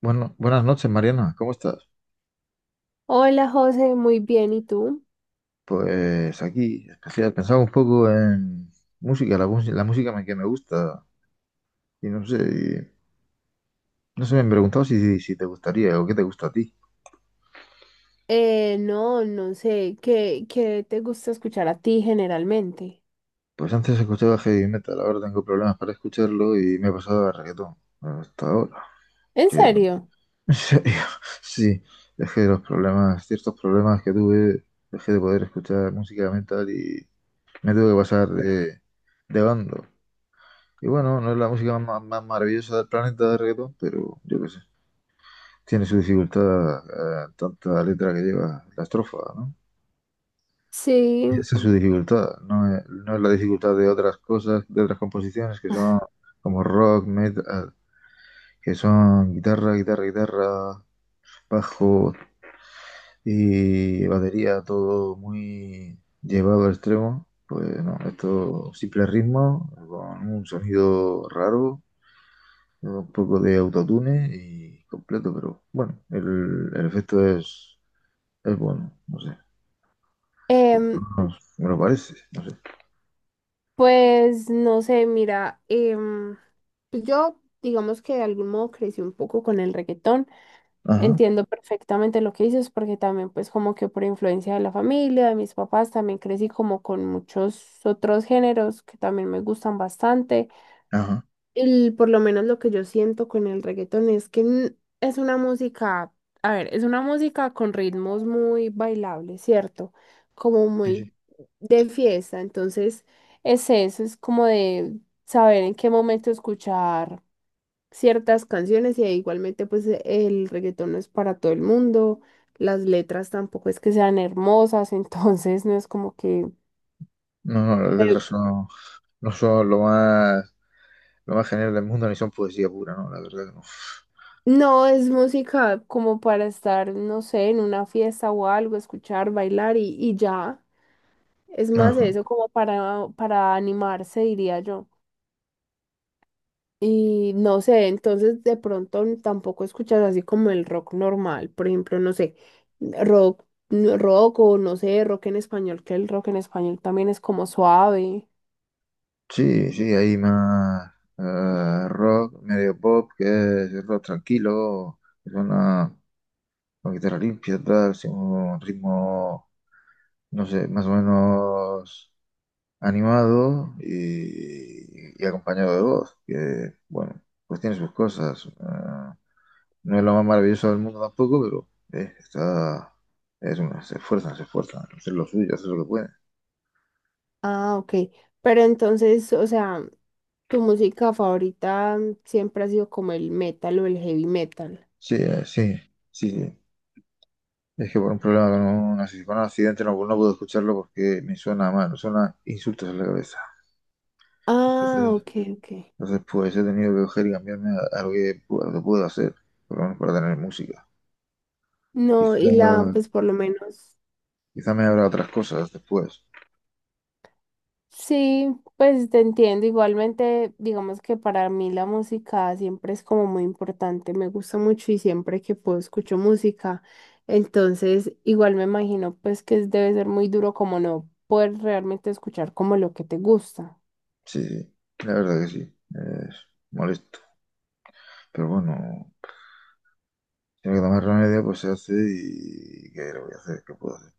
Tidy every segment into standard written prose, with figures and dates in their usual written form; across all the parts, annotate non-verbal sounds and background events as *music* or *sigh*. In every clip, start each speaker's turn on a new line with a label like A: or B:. A: Bueno, buenas noches, Mariana. ¿Cómo estás?
B: Hola José, muy bien, ¿y tú?
A: Pues aquí, especial, pensaba un poco en música, la que me gusta. Y no sé, me han preguntado si te gustaría o qué te gusta a ti.
B: No, no sé, ¿qué te gusta escuchar a ti generalmente?
A: Pues antes escuchaba heavy metal, ahora tengo problemas para escucharlo y me he pasado a reggaetón. Hasta ahora.
B: ¿En
A: Que,
B: serio?
A: *laughs* en serio, sí, es que ciertos problemas que tuve, dejé de poder escuchar música metal y me tuve que pasar de bando. Y bueno, no es la música más maravillosa del planeta de reggaetón, pero yo qué sé. Tiene su dificultad, tanta letra que lleva la estrofa, ¿no?
B: Sí.
A: Y esa es su dificultad, no es la dificultad de otras cosas, de otras composiciones que son como rock, metal, que son guitarra, guitarra, guitarra, bajo y batería, todo muy llevado al extremo. Pues no, esto simple ritmo, con un sonido raro un poco de autotune y completo, pero bueno, el efecto es bueno, no sé.
B: Em,
A: No, me lo parece, no sé.
B: pues no sé, mira, pues yo digamos que de algún modo crecí un poco con el reggaetón.
A: Ajá,
B: Entiendo perfectamente lo que dices porque también pues como que por influencia de la familia, de mis papás, también crecí como con muchos otros géneros que también me gustan bastante.
A: ajá,
B: Por lo menos lo que yo siento con el reggaetón es que es una música, a ver, es una música con ritmos muy bailables, ¿cierto? Como
A: sí,
B: muy
A: sí.
B: de fiesta, entonces es eso, es como de saber en qué momento escuchar ciertas canciones y igualmente pues el reggaetón no es para todo el mundo, las letras tampoco es que sean hermosas, *laughs* entonces no es como que...
A: No, no, las letras son, no son lo más genial del mundo, ni son poesía pura, ¿no? La verdad que no.
B: No, es música como para estar, no sé, en una fiesta o algo, escuchar, bailar y ya. Es más
A: Ajá.
B: eso como para animarse, diría yo. Y no sé, entonces de pronto tampoco escuchas así como el rock normal, por ejemplo, no sé, rock, rock o no sé, rock en español, que el rock en español también es como suave.
A: Sí, sí, hay más rock, medio pop, que es rock tranquilo, que suena con guitarra limpia, tal, sin un ritmo, no sé, más o menos animado y acompañado de voz, que bueno, pues tiene sus cosas. Ah, no es lo más maravilloso del mundo tampoco, pero está, es una, se esfuerzan, hacer lo suyo, hacer lo que pueden.
B: Ah, ok. Pero entonces, o sea, tu música favorita siempre ha sido como el metal o el heavy metal.
A: Sí, sí, sí, sí. Es que por un problema con un, con un accidente no, no puedo escucharlo porque me suena mal, me suena insultos en la cabeza.
B: Ah,
A: Entonces,
B: ok, ok.
A: entonces pues he tenido que coger y cambiarme a lo que puedo, lo puedo hacer, por lo menos para tener música.
B: No,
A: Quizá,
B: y la, pues por lo menos.
A: quizá me habrá otras cosas después.
B: Sí, pues te entiendo. Igualmente, digamos que para mí la música siempre es como muy importante. Me gusta mucho y siempre que puedo escucho música. Entonces, igual me imagino pues que debe ser muy duro como no poder realmente escuchar como lo que te gusta.
A: Sí, sí, la verdad que sí, es molesto. Pero bueno, si hay que tomar remedio, pues se hace y ¿qué le voy a hacer? ¿Qué puedo hacer?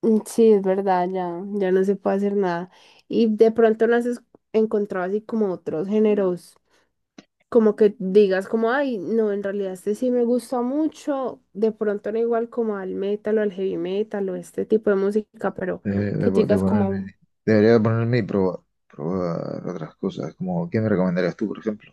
B: Mm, sí, es verdad, ya, ya no se puede hacer nada. Y de pronto no has encontrado así como otros géneros como que digas como, ay, no, en realidad este sí me gusta mucho, de pronto no igual como al metal o al heavy metal o este tipo de música, pero que tú
A: De
B: digas como,
A: ponerme, debería de ponerme y probar, probar otras cosas, como ¿qué me recomendarías tú, por ejemplo?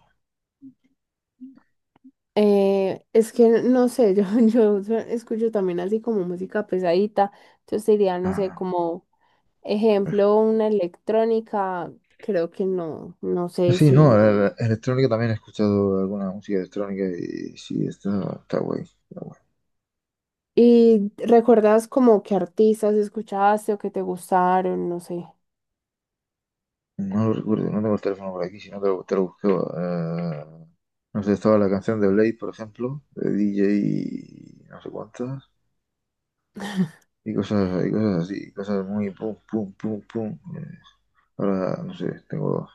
B: es que no sé, *laughs* yo escucho también así como música pesadita, entonces diría, no sé,
A: Ah,
B: como ejemplo, una electrónica, creo que no, no sé
A: sí, no,
B: si...
A: la electrónica también he escuchado alguna música electrónica y sí, está, está guay, está guay.
B: ¿Y recuerdas como qué artistas escuchaste o que te gustaron? No sé.
A: No lo recuerdo, no tengo el teléfono por aquí, si no te lo buscaba. Eh, no sé, estaba la canción de Blade, por ejemplo, de DJ no sé cuántas. Y cosas, y cosas así, cosas muy pum, pum, pum, pum. Ahora, no sé, tengo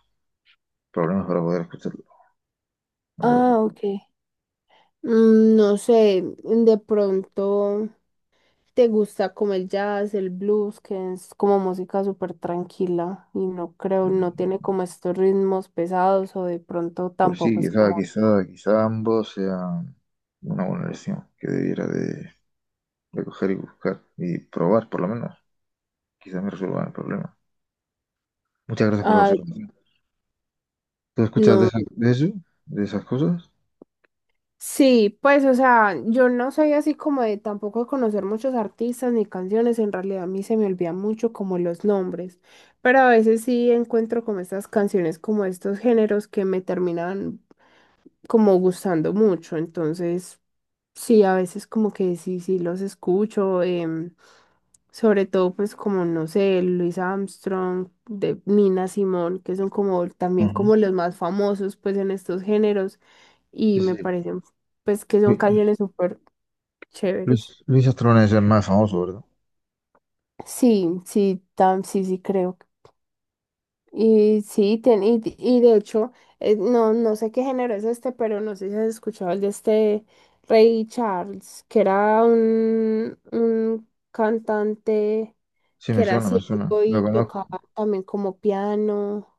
A: problemas para poder escucharlo. No sé por
B: Ah,
A: qué.
B: ok. Mm, no sé, de pronto te gusta como el jazz, el blues, que es como música súper tranquila y no creo, no tiene
A: Mm,
B: como estos ritmos pesados o de pronto
A: pues sí,
B: tampoco es como,
A: quizá ambos sean una buena lección que debiera de coger y buscar y probar, por lo menos. Quizá me resuelvan el problema. Muchas gracias por la
B: ah,
A: observación. ¿Tú escuchas
B: no,
A: de eso? ¿De esas cosas?
B: sí, pues o sea, yo no soy así como de tampoco conocer muchos artistas ni canciones, en realidad a mí se me olvidan mucho como los nombres, pero a veces sí encuentro como estas canciones, como estos géneros que me terminan como gustando mucho, entonces... Sí, a veces como que sí, sí los escucho, sobre todo pues como, no sé, Louis Armstrong, de Nina Simone, que son como también
A: Ujú.
B: como los más famosos pues en estos géneros
A: Sí,
B: y me
A: sí.
B: parecen pues que son
A: Lu-
B: canciones súper chéveres.
A: Luis, Luis Astrón es el más famoso, ¿verdad?
B: Sí, sí, tam, sí, sí creo. Y sí, ten y de hecho, no, no sé qué género es este, pero no sé si has escuchado el de este Ray Charles, que era un cantante
A: Sí, me
B: que era
A: suena, me suena.
B: ciego
A: Lo
B: y tocaba
A: conozco.
B: también como piano,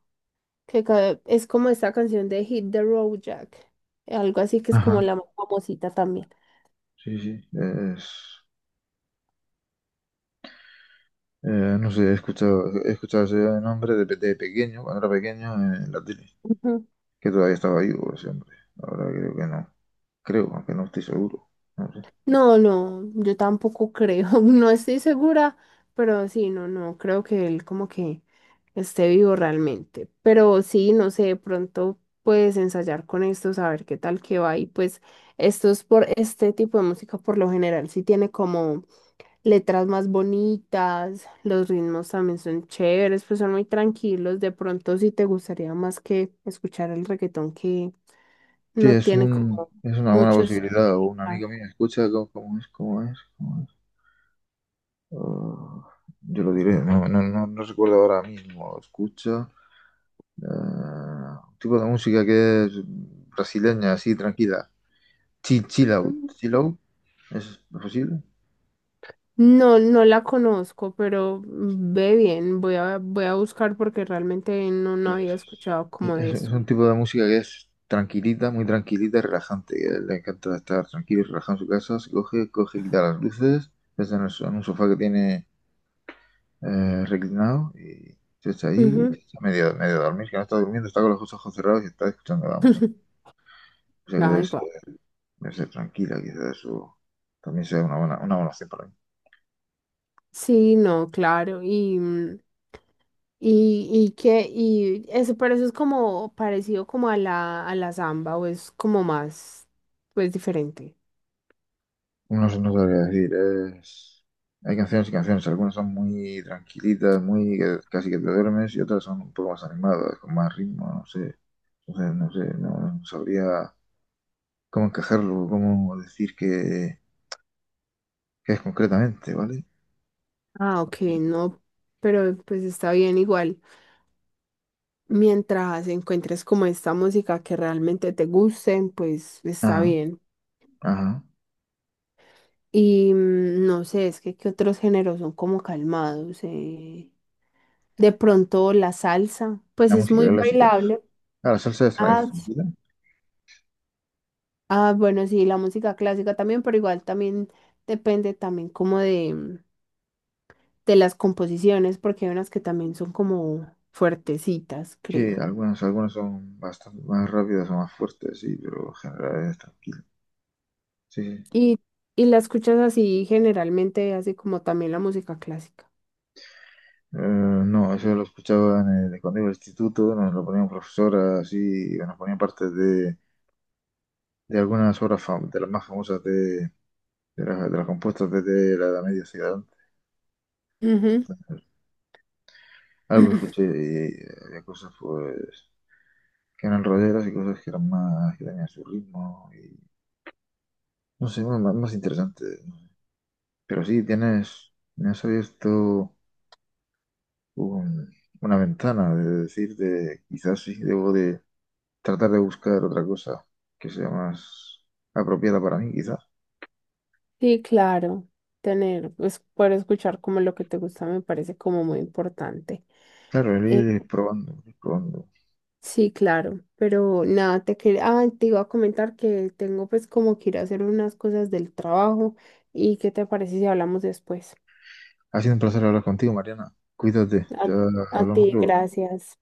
B: que es como esta canción de Hit the Road Jack, algo así que es como
A: Ajá.
B: la más famosita también.
A: Sí, sí. Es... no sé, he escuchado ese nombre de pequeño, cuando era pequeño, en la tele. Que todavía estaba vivo ese hombre. Ahora creo que no. Creo, aunque no estoy seguro. No sé.
B: No, no, yo tampoco creo, *laughs* no estoy segura, pero sí, no, no, creo que él como que esté vivo realmente. Pero sí, no sé, de pronto puedes ensayar con esto, saber qué tal que va. Y pues esto es por este tipo de música, por lo general, sí tiene como letras más bonitas, los ritmos también son chéveres, pues son muy tranquilos. De pronto sí te gustaría más que escuchar el reggaetón que
A: Sí,
B: no
A: es
B: tiene
A: un,
B: como
A: es una buena
B: mucho
A: posibilidad. O un amigo
B: significado.
A: mío escucha cómo, cómo es, cómo es, cómo es. Oh, yo lo diré, no, no, no, no recuerdo ahora mismo. Escucha. eh, un tipo de música que es brasileña, así, tranquila. Chill out. Chill out. ¿Es posible?
B: No, no la conozco, pero ve bien, voy a, voy a buscar porque realmente no, no
A: Pues
B: había escuchado como de eso.
A: es un tipo de música que es tranquilita, muy tranquilita y relajante. Que le encanta estar tranquilo y relajado en su casa. Se coge, coge, quita las luces, se está en, en un sofá que tiene reclinado y se echa ahí y se
B: Ujú.
A: echa medio, medio a dormir, que no está durmiendo, está con los ojos cerrados y está escuchando la música.
B: *laughs*
A: O sea que
B: Ay, guau.
A: debe ser tranquila, quizás eso también sea una buena opción para mí.
B: Sí, no, claro, y, mm, y que, y eso, pero eso es como parecido como a la samba, o es como más, pues diferente.
A: No sé, no sabría decir. Es... Hay canciones y canciones. Algunas son muy tranquilitas, muy que casi que te duermes, y otras son un poco más animadas, con más ritmo, no sé. Entonces, no sé, no, no sabría cómo encajarlo, cómo decir que es concretamente, ¿vale?
B: Ah, ok, no, pero pues está bien igual. Mientras encuentres como esta música que realmente te guste, pues está
A: Ajá,
B: bien.
A: ajá.
B: Y mm, no sé, es que qué otros géneros son como calmados. De pronto la salsa, pues
A: La
B: es
A: música
B: muy
A: clásica.
B: bailable.
A: Ah, la salsa es,
B: Ah,
A: es tranquila.
B: ah, bueno, sí, la música clásica también, pero igual también depende también como de, mm, de las composiciones, porque hay unas que también son como fuertecitas,
A: Sí,
B: creo.
A: algunas, algunas son bastante más rápidas o más fuertes, sí, pero en general es tranquila. Sí, sí.
B: Y, y la escuchas así generalmente, así como también la música clásica.
A: No, eso lo escuchaba en el, cuando iba al instituto, nos lo ponían profesoras así, y nos ponían partes de algunas obras de las más famosas de las compuestas desde la Edad Media Ciudad.
B: Ujú.
A: Algo escuché y había cosas pues que eran rolleras y cosas que eran más, que tenían su ritmo y no sé, más interesante. Pero sí, tienes, me has abierto un- una ventana de decir de quizás sí debo de tratar de buscar otra cosa que sea más apropiada para mí, quizás.
B: Sí, claro. Tener, pues, poder escuchar como lo que te gusta me parece como muy importante.
A: Claro, el
B: Eh,
A: ir probando, el ir probando.
B: sí, claro, pero nada, te quería, te iba a comentar que tengo pues como que ir a hacer unas cosas del trabajo y qué te parece si hablamos después.
A: Ha sido un placer hablar contigo, Mariana. Cuídate,
B: A,
A: ya
B: a
A: hablamos
B: ti,
A: luego.
B: gracias.